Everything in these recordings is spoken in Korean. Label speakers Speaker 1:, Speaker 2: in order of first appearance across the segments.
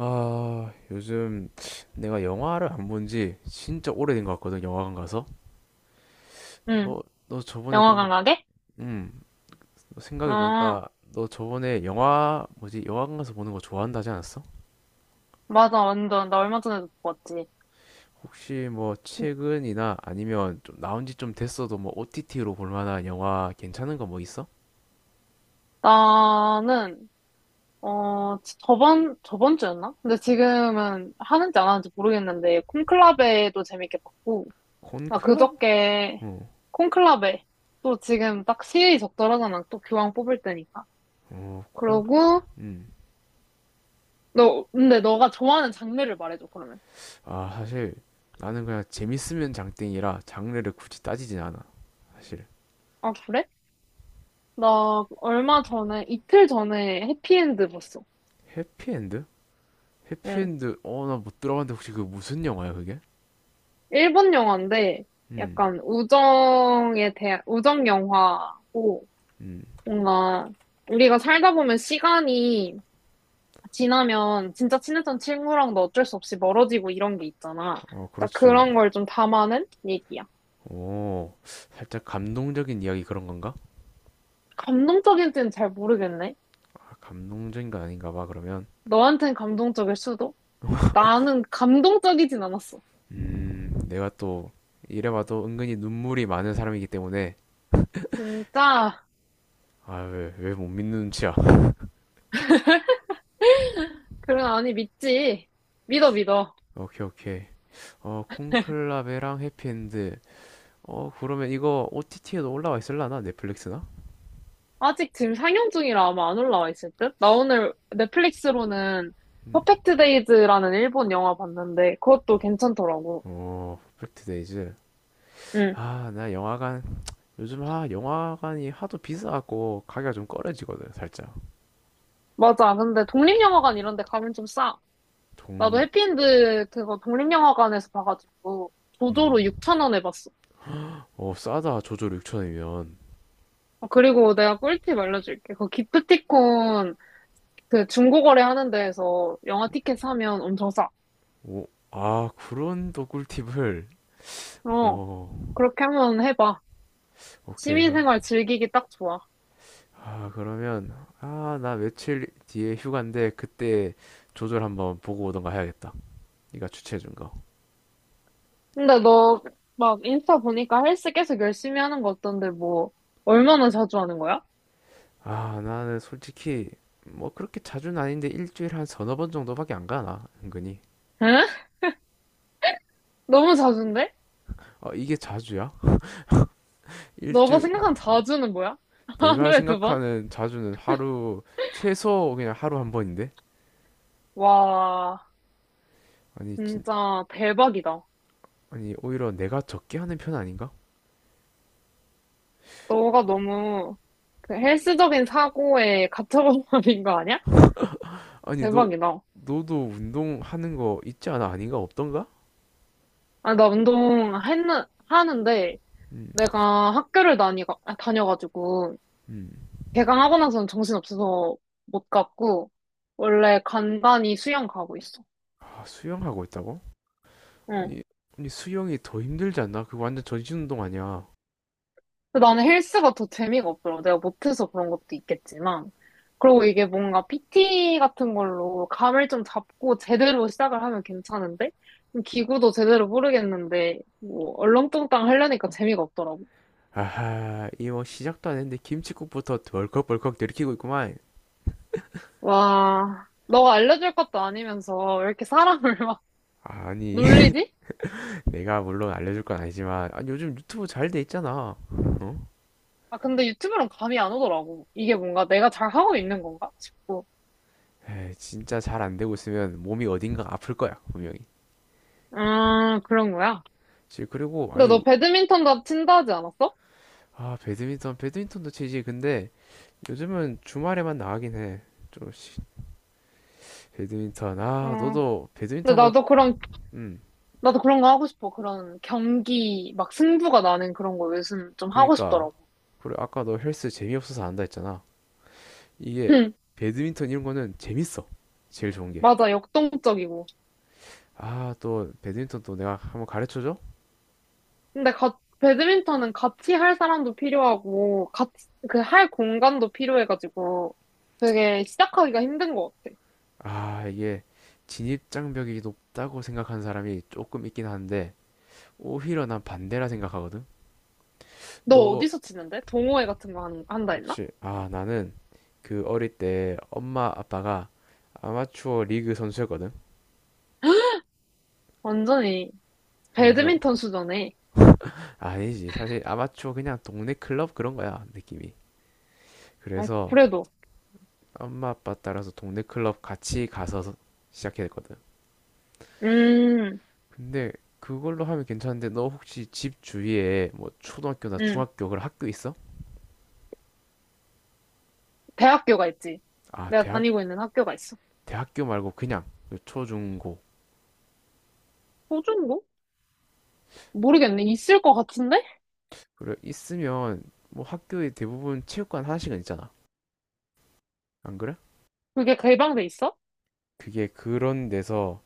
Speaker 1: 아, 요즘 내가 영화를 안 본지 진짜 오래된 것 같거든, 영화관 가서.
Speaker 2: 응,
Speaker 1: 너, 너 저번에 그러면,
Speaker 2: 영화관 가게?
Speaker 1: 음,
Speaker 2: 아,
Speaker 1: 생각해보니까 너 저번에 영화관 가서 보는 거 좋아한다지 않았어?
Speaker 2: 맞아, 완전. 나 얼마 전에도 보고 왔지.
Speaker 1: 혹시 뭐 최근이나 아니면 좀 나온 지 좀 됐어도 뭐 OTT로 볼 만한 영화 괜찮은 거 뭐 있어?
Speaker 2: 나는, 저번 주였나? 근데 지금은 하는지 안 하는지 모르겠는데, 콘클라베도 재밌게 봤고, 나
Speaker 1: 콘클럽?
Speaker 2: 그저께
Speaker 1: 어,
Speaker 2: 콘클라베, 또 지금 딱 시의 적절하잖아. 또 교황 뽑을 때니까.
Speaker 1: 어, 콘,
Speaker 2: 그러고,
Speaker 1: 음.
Speaker 2: 근데 너가 좋아하는 장르를 말해줘, 그러면.
Speaker 1: 아, 사실 나는 그냥 재밌으면 장땡이라 장르를 굳이 따지진 않아. 사실.
Speaker 2: 아, 그래? 나 얼마 전에, 이틀 전에 해피엔드 봤어.
Speaker 1: 해피엔드?
Speaker 2: 응.
Speaker 1: 해피엔드, 어 나 못 들어봤는데 혹시 그 무슨 영화야 그게?
Speaker 2: 일본 영화인데
Speaker 1: 음.
Speaker 2: 약간 우정 영화고
Speaker 1: 음.
Speaker 2: 뭔가 우리가 살다 보면 시간이 지나면 진짜 친했던 친구랑도 어쩔 수 없이 멀어지고 이런 게 있잖아.
Speaker 1: 어,
Speaker 2: 딱
Speaker 1: 그렇지.
Speaker 2: 그런 걸 좀 담아낸 얘기야.
Speaker 1: 오, 살짝 감동적인 이야기 그런 건가?
Speaker 2: 감동적인지는 잘 모르겠네.
Speaker 1: 아, 감동적인 건 아닌가 봐 그러면.
Speaker 2: 너한텐 감동적일 수도? 나는 감동적이진 않았어.
Speaker 1: 음, 내가 또 이래봐도 은근히 눈물이 많은 사람이기 때문에.
Speaker 2: 진짜?
Speaker 1: 아, 왜 못 믿는 눈치야.
Speaker 2: 그런 아니 믿지? 믿어 믿어.
Speaker 1: 오케이, 오케이. 어, 콘클라베랑 해피엔드. 어, 그러면 이거 OTT에도 올라와 있을라나, 넷플릭스나?
Speaker 2: 아직 지금 상영 중이라 아마 안 올라와 있을 듯? 나 오늘 넷플릭스로는
Speaker 1: 음.
Speaker 2: 퍼펙트 데이즈라는 일본 영화 봤는데 그것도 괜찮더라고.
Speaker 1: 오, 퍼펙트 데이즈.
Speaker 2: 응,
Speaker 1: 아, 나 영화관, 요즘, 아, 영화관이 하도 비싸갖고 가게가 좀 꺼려지거든, 살짝.
Speaker 2: 맞아. 근데 독립영화관 이런 데 가면 좀 싸. 나도
Speaker 1: 돈,
Speaker 2: 해피엔드 그거 독립영화관에서 봐가지고
Speaker 1: 음,
Speaker 2: 조조로 6천 원에 봤어.
Speaker 1: 어, 싸다. 조조로 6천 원이면.
Speaker 2: 아, 그리고 내가 꿀팁 알려줄게. 그 기프티콘 그 중고거래 하는 데에서 영화 티켓 사면 엄청 싸.
Speaker 1: 오, 아, 그런 또 꿀팁을.
Speaker 2: 어,
Speaker 1: 오,
Speaker 2: 그렇게 한번 해봐.
Speaker 1: 오케이. 그럼,
Speaker 2: 시민생활 즐기기 딱 좋아.
Speaker 1: 아, 그러면, 아, 나 며칠 뒤에 휴가인데 그때 조조를 한번 보고 오던가 해야겠다, 네가 추천해준.
Speaker 2: 근데 너 막 인스타 보니까 헬스 계속 열심히 하는 거 어떤데 뭐 얼마나 자주 하는 거야?
Speaker 1: 거아, 나는 솔직히 뭐 그렇게 자주는 아닌데 일주일에 한 서너 번 정도밖에 안 가나, 은근히.
Speaker 2: 응? 너무 자주인데?
Speaker 1: 아, 이게 자주야?
Speaker 2: 너가
Speaker 1: 일주일.
Speaker 2: 생각한 자주는 뭐야?
Speaker 1: 내가
Speaker 2: 하루에 2번?
Speaker 1: 생각하는 자주는 하루, 최소 그냥 하루 한 번인데?
Speaker 2: 와,
Speaker 1: 아니 진,
Speaker 2: 진짜 대박이다.
Speaker 1: 아니, 오히려 내가 적게 하는 편 아닌가?
Speaker 2: 너가 너무 그 헬스적인 사고에 갇혀버린 거 아니야?
Speaker 1: 아니 너
Speaker 2: 대박이다.
Speaker 1: 너도 운동하는 거 있지 않아? 아닌가? 없던가?
Speaker 2: 아, 하는데 내가 다녀가지고
Speaker 1: 음.
Speaker 2: 개강하고 나서는 정신없어서 못 갔고 원래 간간히 수영 가고 있어.
Speaker 1: 아, 수영하고 있다고?
Speaker 2: 응.
Speaker 1: 아니 아니, 수영이 더 힘들지 않나? 그거 완전 전신 운동 아니야.
Speaker 2: 근데 나는 헬스가 더 재미가 없더라고. 내가 못해서 그런 것도 있겠지만. 그리고 이게 뭔가 PT 같은 걸로 감을 좀 잡고 제대로 시작을 하면 괜찮은데? 기구도 제대로 모르겠는데, 뭐, 얼렁뚱땅 하려니까 재미가 없더라고.
Speaker 1: 아하, 이거 시작도 안 했는데 김칫국부터 덜컥벌컥 들이키고 있구만.
Speaker 2: 와, 너가 알려줄 것도 아니면서 왜 이렇게 사람을 막
Speaker 1: 아니,
Speaker 2: 놀리지?
Speaker 1: 내가 물론 알려줄 건 아니지만, 아니 요즘 유튜브 잘 돼 있잖아. 어?
Speaker 2: 아, 근데 유튜브랑 감이 안 오더라고. 이게 뭔가 내가 잘하고 있는 건가 싶고.
Speaker 1: 에이, 진짜 잘 안 되고 있으면 몸이 어딘가 아플 거야, 분명히.
Speaker 2: 아, 그런 거야.
Speaker 1: 그리고,
Speaker 2: 근데
Speaker 1: 아니,
Speaker 2: 너 배드민턴도 친다 하지 않았어?
Speaker 1: 아, 배드민턴도 치지. 근데 요즘은 주말에만 나가긴 해. 좀 시- 배드민턴, 아
Speaker 2: 어.
Speaker 1: 너도 배드민턴
Speaker 2: 근데
Speaker 1: 한번. 음,
Speaker 2: 나도 그런 거 하고 싶어. 그런 경기, 막 승부가 나는 그런 거 요즘 좀 하고
Speaker 1: 그니까,
Speaker 2: 싶더라고.
Speaker 1: 그래, 아까 너 헬스 재미없어서 안 한다 했잖아. 이게
Speaker 2: 응,
Speaker 1: 배드민턴 이런 거는 재밌어. 제일 좋은 게.
Speaker 2: 맞아, 역동적이고.
Speaker 1: 아, 또 배드민턴, 또 내가 한번 가르쳐줘?
Speaker 2: 배드민턴은 같이 할 사람도 필요하고, 같이, 그 할 공간도 필요해가지고, 되게 시작하기가 힘든 것 같아.
Speaker 1: 아, 이게 진입장벽이 높다고 생각하는 사람이 조금 있긴 한데 오히려 난 반대라 생각하거든.
Speaker 2: 너
Speaker 1: 너,
Speaker 2: 어디서 치는데? 동호회 같은 거 한다 했나?
Speaker 1: 그렇지. 아, 나는 그 어릴 때 엄마 아빠가 아마추어 리그 선수였거든.
Speaker 2: 완전히
Speaker 1: 그래서,
Speaker 2: 배드민턴 수준에.
Speaker 1: 아니지. 사실 아마추어 그냥 동네 클럽 그런 거야, 느낌이.
Speaker 2: 어,
Speaker 1: 그래서
Speaker 2: 그래도.
Speaker 1: 엄마 아빠 따라서 동네 클럽 같이 가서 시작했거든.
Speaker 2: 음,
Speaker 1: 근데 그걸로 하면 괜찮은데 너 혹시 집 주위에 뭐 초등학교나
Speaker 2: 음.
Speaker 1: 중학교 그런 학교 있어?
Speaker 2: 대학교가 있지.
Speaker 1: 아,
Speaker 2: 내가
Speaker 1: 대학.
Speaker 2: 다니고 있는 학교가 있어.
Speaker 1: 대학교 말고 그냥 그 초중고.
Speaker 2: 호주인가? 모르겠네. 있을 것 같은데?
Speaker 1: 그래, 있으면 뭐 학교에 대부분 체육관 하나씩은 있잖아. 안 그래?
Speaker 2: 그게 개방돼 있어?
Speaker 1: 그게, 그런 데서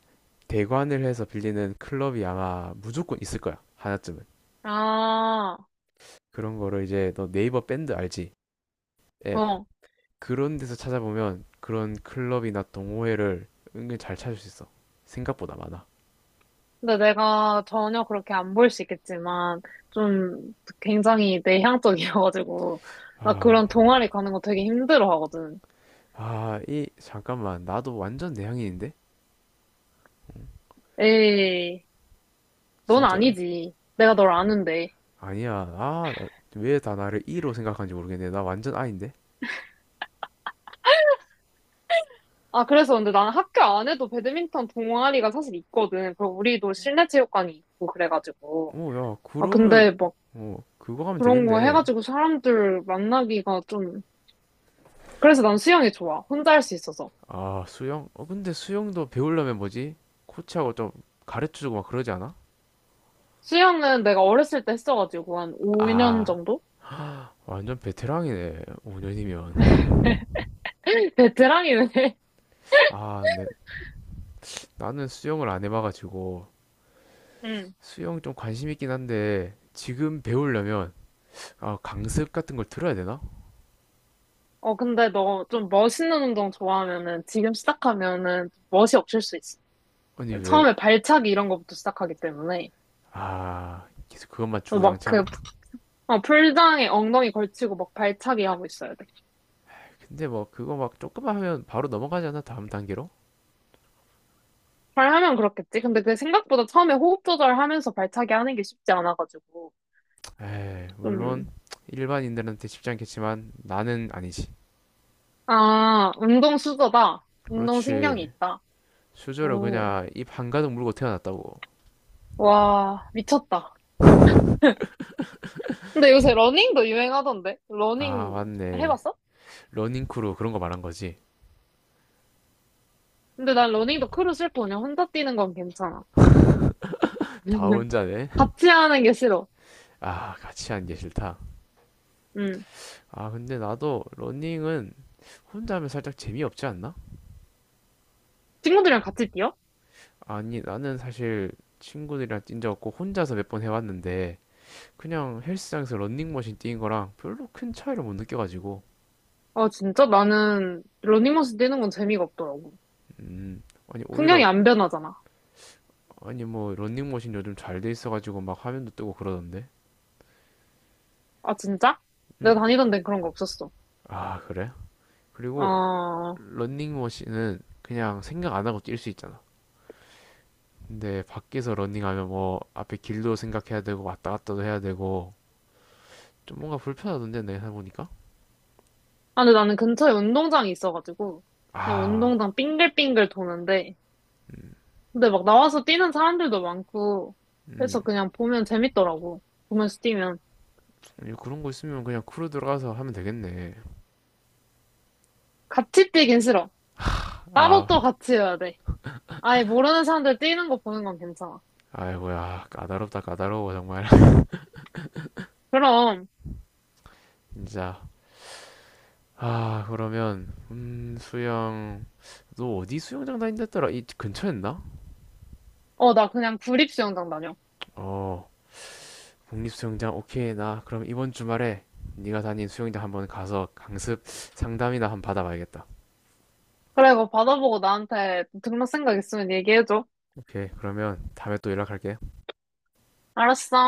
Speaker 1: 대관을 해서 빌리는 클럽이 아마 무조건 있을 거야. 하나쯤은.
Speaker 2: 아,
Speaker 1: 그런 거를 이제, 너 네이버 밴드 알지? 앱.
Speaker 2: 어.
Speaker 1: 그런 데서 찾아보면 그런 클럽이나 동호회를 은근 잘 찾을 수 있어. 생각보다 많아.
Speaker 2: 근데 내가 전혀 그렇게 안 보일 수 있겠지만, 좀 굉장히 내향적이어가지고, 나
Speaker 1: 아,
Speaker 2: 그런 동아리 가는 거 되게 힘들어 하거든.
Speaker 1: 아, 이, 잠깐만. 나도 완전 내향인인데?
Speaker 2: 에이, 넌
Speaker 1: 진짜.
Speaker 2: 아니지. 내가 널 아는데.
Speaker 1: 아니야. 아, 왜 다 나를 이로 생각하는지 모르겠네. 나 완전 아인데?
Speaker 2: 아, 그래서 근데 나는 학교 안에도 배드민턴 동아리가 사실 있거든. 그리고 우리도 실내 체육관이 있고 그래가지고.
Speaker 1: 어, 야,
Speaker 2: 아,
Speaker 1: 그러면,
Speaker 2: 근데 막
Speaker 1: 어, 그거 하면
Speaker 2: 그런 거
Speaker 1: 되겠네.
Speaker 2: 해가지고 사람들 만나기가 좀, 그래서 난 수영이 좋아. 혼자 할 수 있어서.
Speaker 1: 아, 수영? 어, 근데 수영도 배우려면 뭐지? 코치하고 좀 가르쳐주고 막 그러지 않아?
Speaker 2: 수영은 내가 어렸을 때 했어가지고 한 5년
Speaker 1: 아,
Speaker 2: 정도?
Speaker 1: 완전 베테랑이네. 5년이면.
Speaker 2: 베테랑이네.
Speaker 1: 아, 네. 나는 수영을 안 해봐가지고.
Speaker 2: 응.
Speaker 1: 수영 좀 관심 있긴 한데, 지금 배우려면, 아, 강습 같은 걸 들어야 되나?
Speaker 2: 어, 근데 너 좀 멋있는 운동 좋아하면은 지금 시작하면은 좀 멋이 없을 수 있어.
Speaker 1: 아니, 왜?
Speaker 2: 처음에 발차기 이런 거부터 시작하기 때문에.
Speaker 1: 아, 계속 그것만
Speaker 2: 막
Speaker 1: 주구장창.
Speaker 2: 그, 풀장에 엉덩이 걸치고 막 발차기 하고 있어야 돼.
Speaker 1: 근데 뭐, 그거 막 조금만 하면 바로 넘어가지 않아? 다음 단계로?
Speaker 2: 잘 하면 그렇겠지. 근데 그 생각보다 처음에 호흡 조절하면서 발차기 하는 게 쉽지 않아가지고.
Speaker 1: 에이, 물론,
Speaker 2: 좀,
Speaker 1: 일반인들한테 쉽지 않겠지만, 나는 아니지.
Speaker 2: 아, 운동 수저다. 운동
Speaker 1: 그렇지.
Speaker 2: 신경이 있다.
Speaker 1: 수저로
Speaker 2: 음,
Speaker 1: 그냥 입 한가득 물고 태어났다고.
Speaker 2: 와, 미쳤다. 근데 요새 러닝도 유행하던데?
Speaker 1: 아,
Speaker 2: 러닝
Speaker 1: 맞네.
Speaker 2: 해봤어?
Speaker 1: 러닝크루, 그런 거 말한 거지.
Speaker 2: 근데 난 러닝도 크루 싫고 그냥 혼자 뛰는 건 괜찮아.
Speaker 1: 다 혼자네.
Speaker 2: 같이 하는 게 싫어.
Speaker 1: 아, 같이 하는 게 싫다.
Speaker 2: 응.
Speaker 1: 아, 근데 나도 러닝은 혼자 하면 살짝 재미없지 않나?
Speaker 2: 친구들이랑 같이 뛰어?
Speaker 1: 아니, 나는 사실 친구들이랑 뛴 적 없고 혼자서 몇 번 해봤는데 그냥 헬스장에서 런닝머신 뛰는 거랑 별로 큰 차이를 못 느껴가지고.
Speaker 2: 아, 진짜? 나는 러닝머신 뛰는 건 재미가 없더라고.
Speaker 1: 아니
Speaker 2: 풍경이
Speaker 1: 오히려,
Speaker 2: 안 변하잖아.
Speaker 1: 아니 뭐 런닝머신 요즘 잘 돼 있어가지고 막 화면도 뜨고 그러던데.
Speaker 2: 아, 진짜? 내가 다니던 데는 그런 거 없었어.
Speaker 1: 아, 그래? 그리고
Speaker 2: 아,
Speaker 1: 런닝머신은 그냥 생각 안 하고 뛸 수 있잖아. 근데 밖에서 런닝하면 뭐 앞에 길도 생각해야 되고 왔다 갔다도 해야 되고 좀 뭔가 불편하던데 내가 해보니까.
Speaker 2: 아, 근데 나는 근처에 운동장이 있어가지고, 그냥
Speaker 1: 아,
Speaker 2: 운동장 빙글빙글 도는데, 근데 막 나와서 뛰는 사람들도 많고,
Speaker 1: 음,
Speaker 2: 그래서 그냥 보면 재밌더라고. 보면서 뛰면.
Speaker 1: 그런 거 있으면 그냥 크루 들어가서 하면 되겠네.
Speaker 2: 같이 뛰긴 싫어. 따로
Speaker 1: 아,
Speaker 2: 또 같이 해야 돼. 아예 모르는 사람들 뛰는 거 보는 건 괜찮아.
Speaker 1: 아이고야, 까다롭다, 까다로워, 정말.
Speaker 2: 그럼,
Speaker 1: 진짜. 아, 그러면, 수영, 너 어디 수영장 다닌댔더라? 이 근처였나?
Speaker 2: 어, 나 그냥 구립 수영장 다녀.
Speaker 1: 어, 국립수영장. 오케이, 나 그럼 이번 주말에 네가 다닌 수영장 한번 가서 강습 상담이나 한번 받아봐야겠다.
Speaker 2: 그래, 그거 받아보고 나한테 등록 생각 있으면 얘기해줘.
Speaker 1: 오케이, 그러면 다음에 또 연락할게.
Speaker 2: 알았어.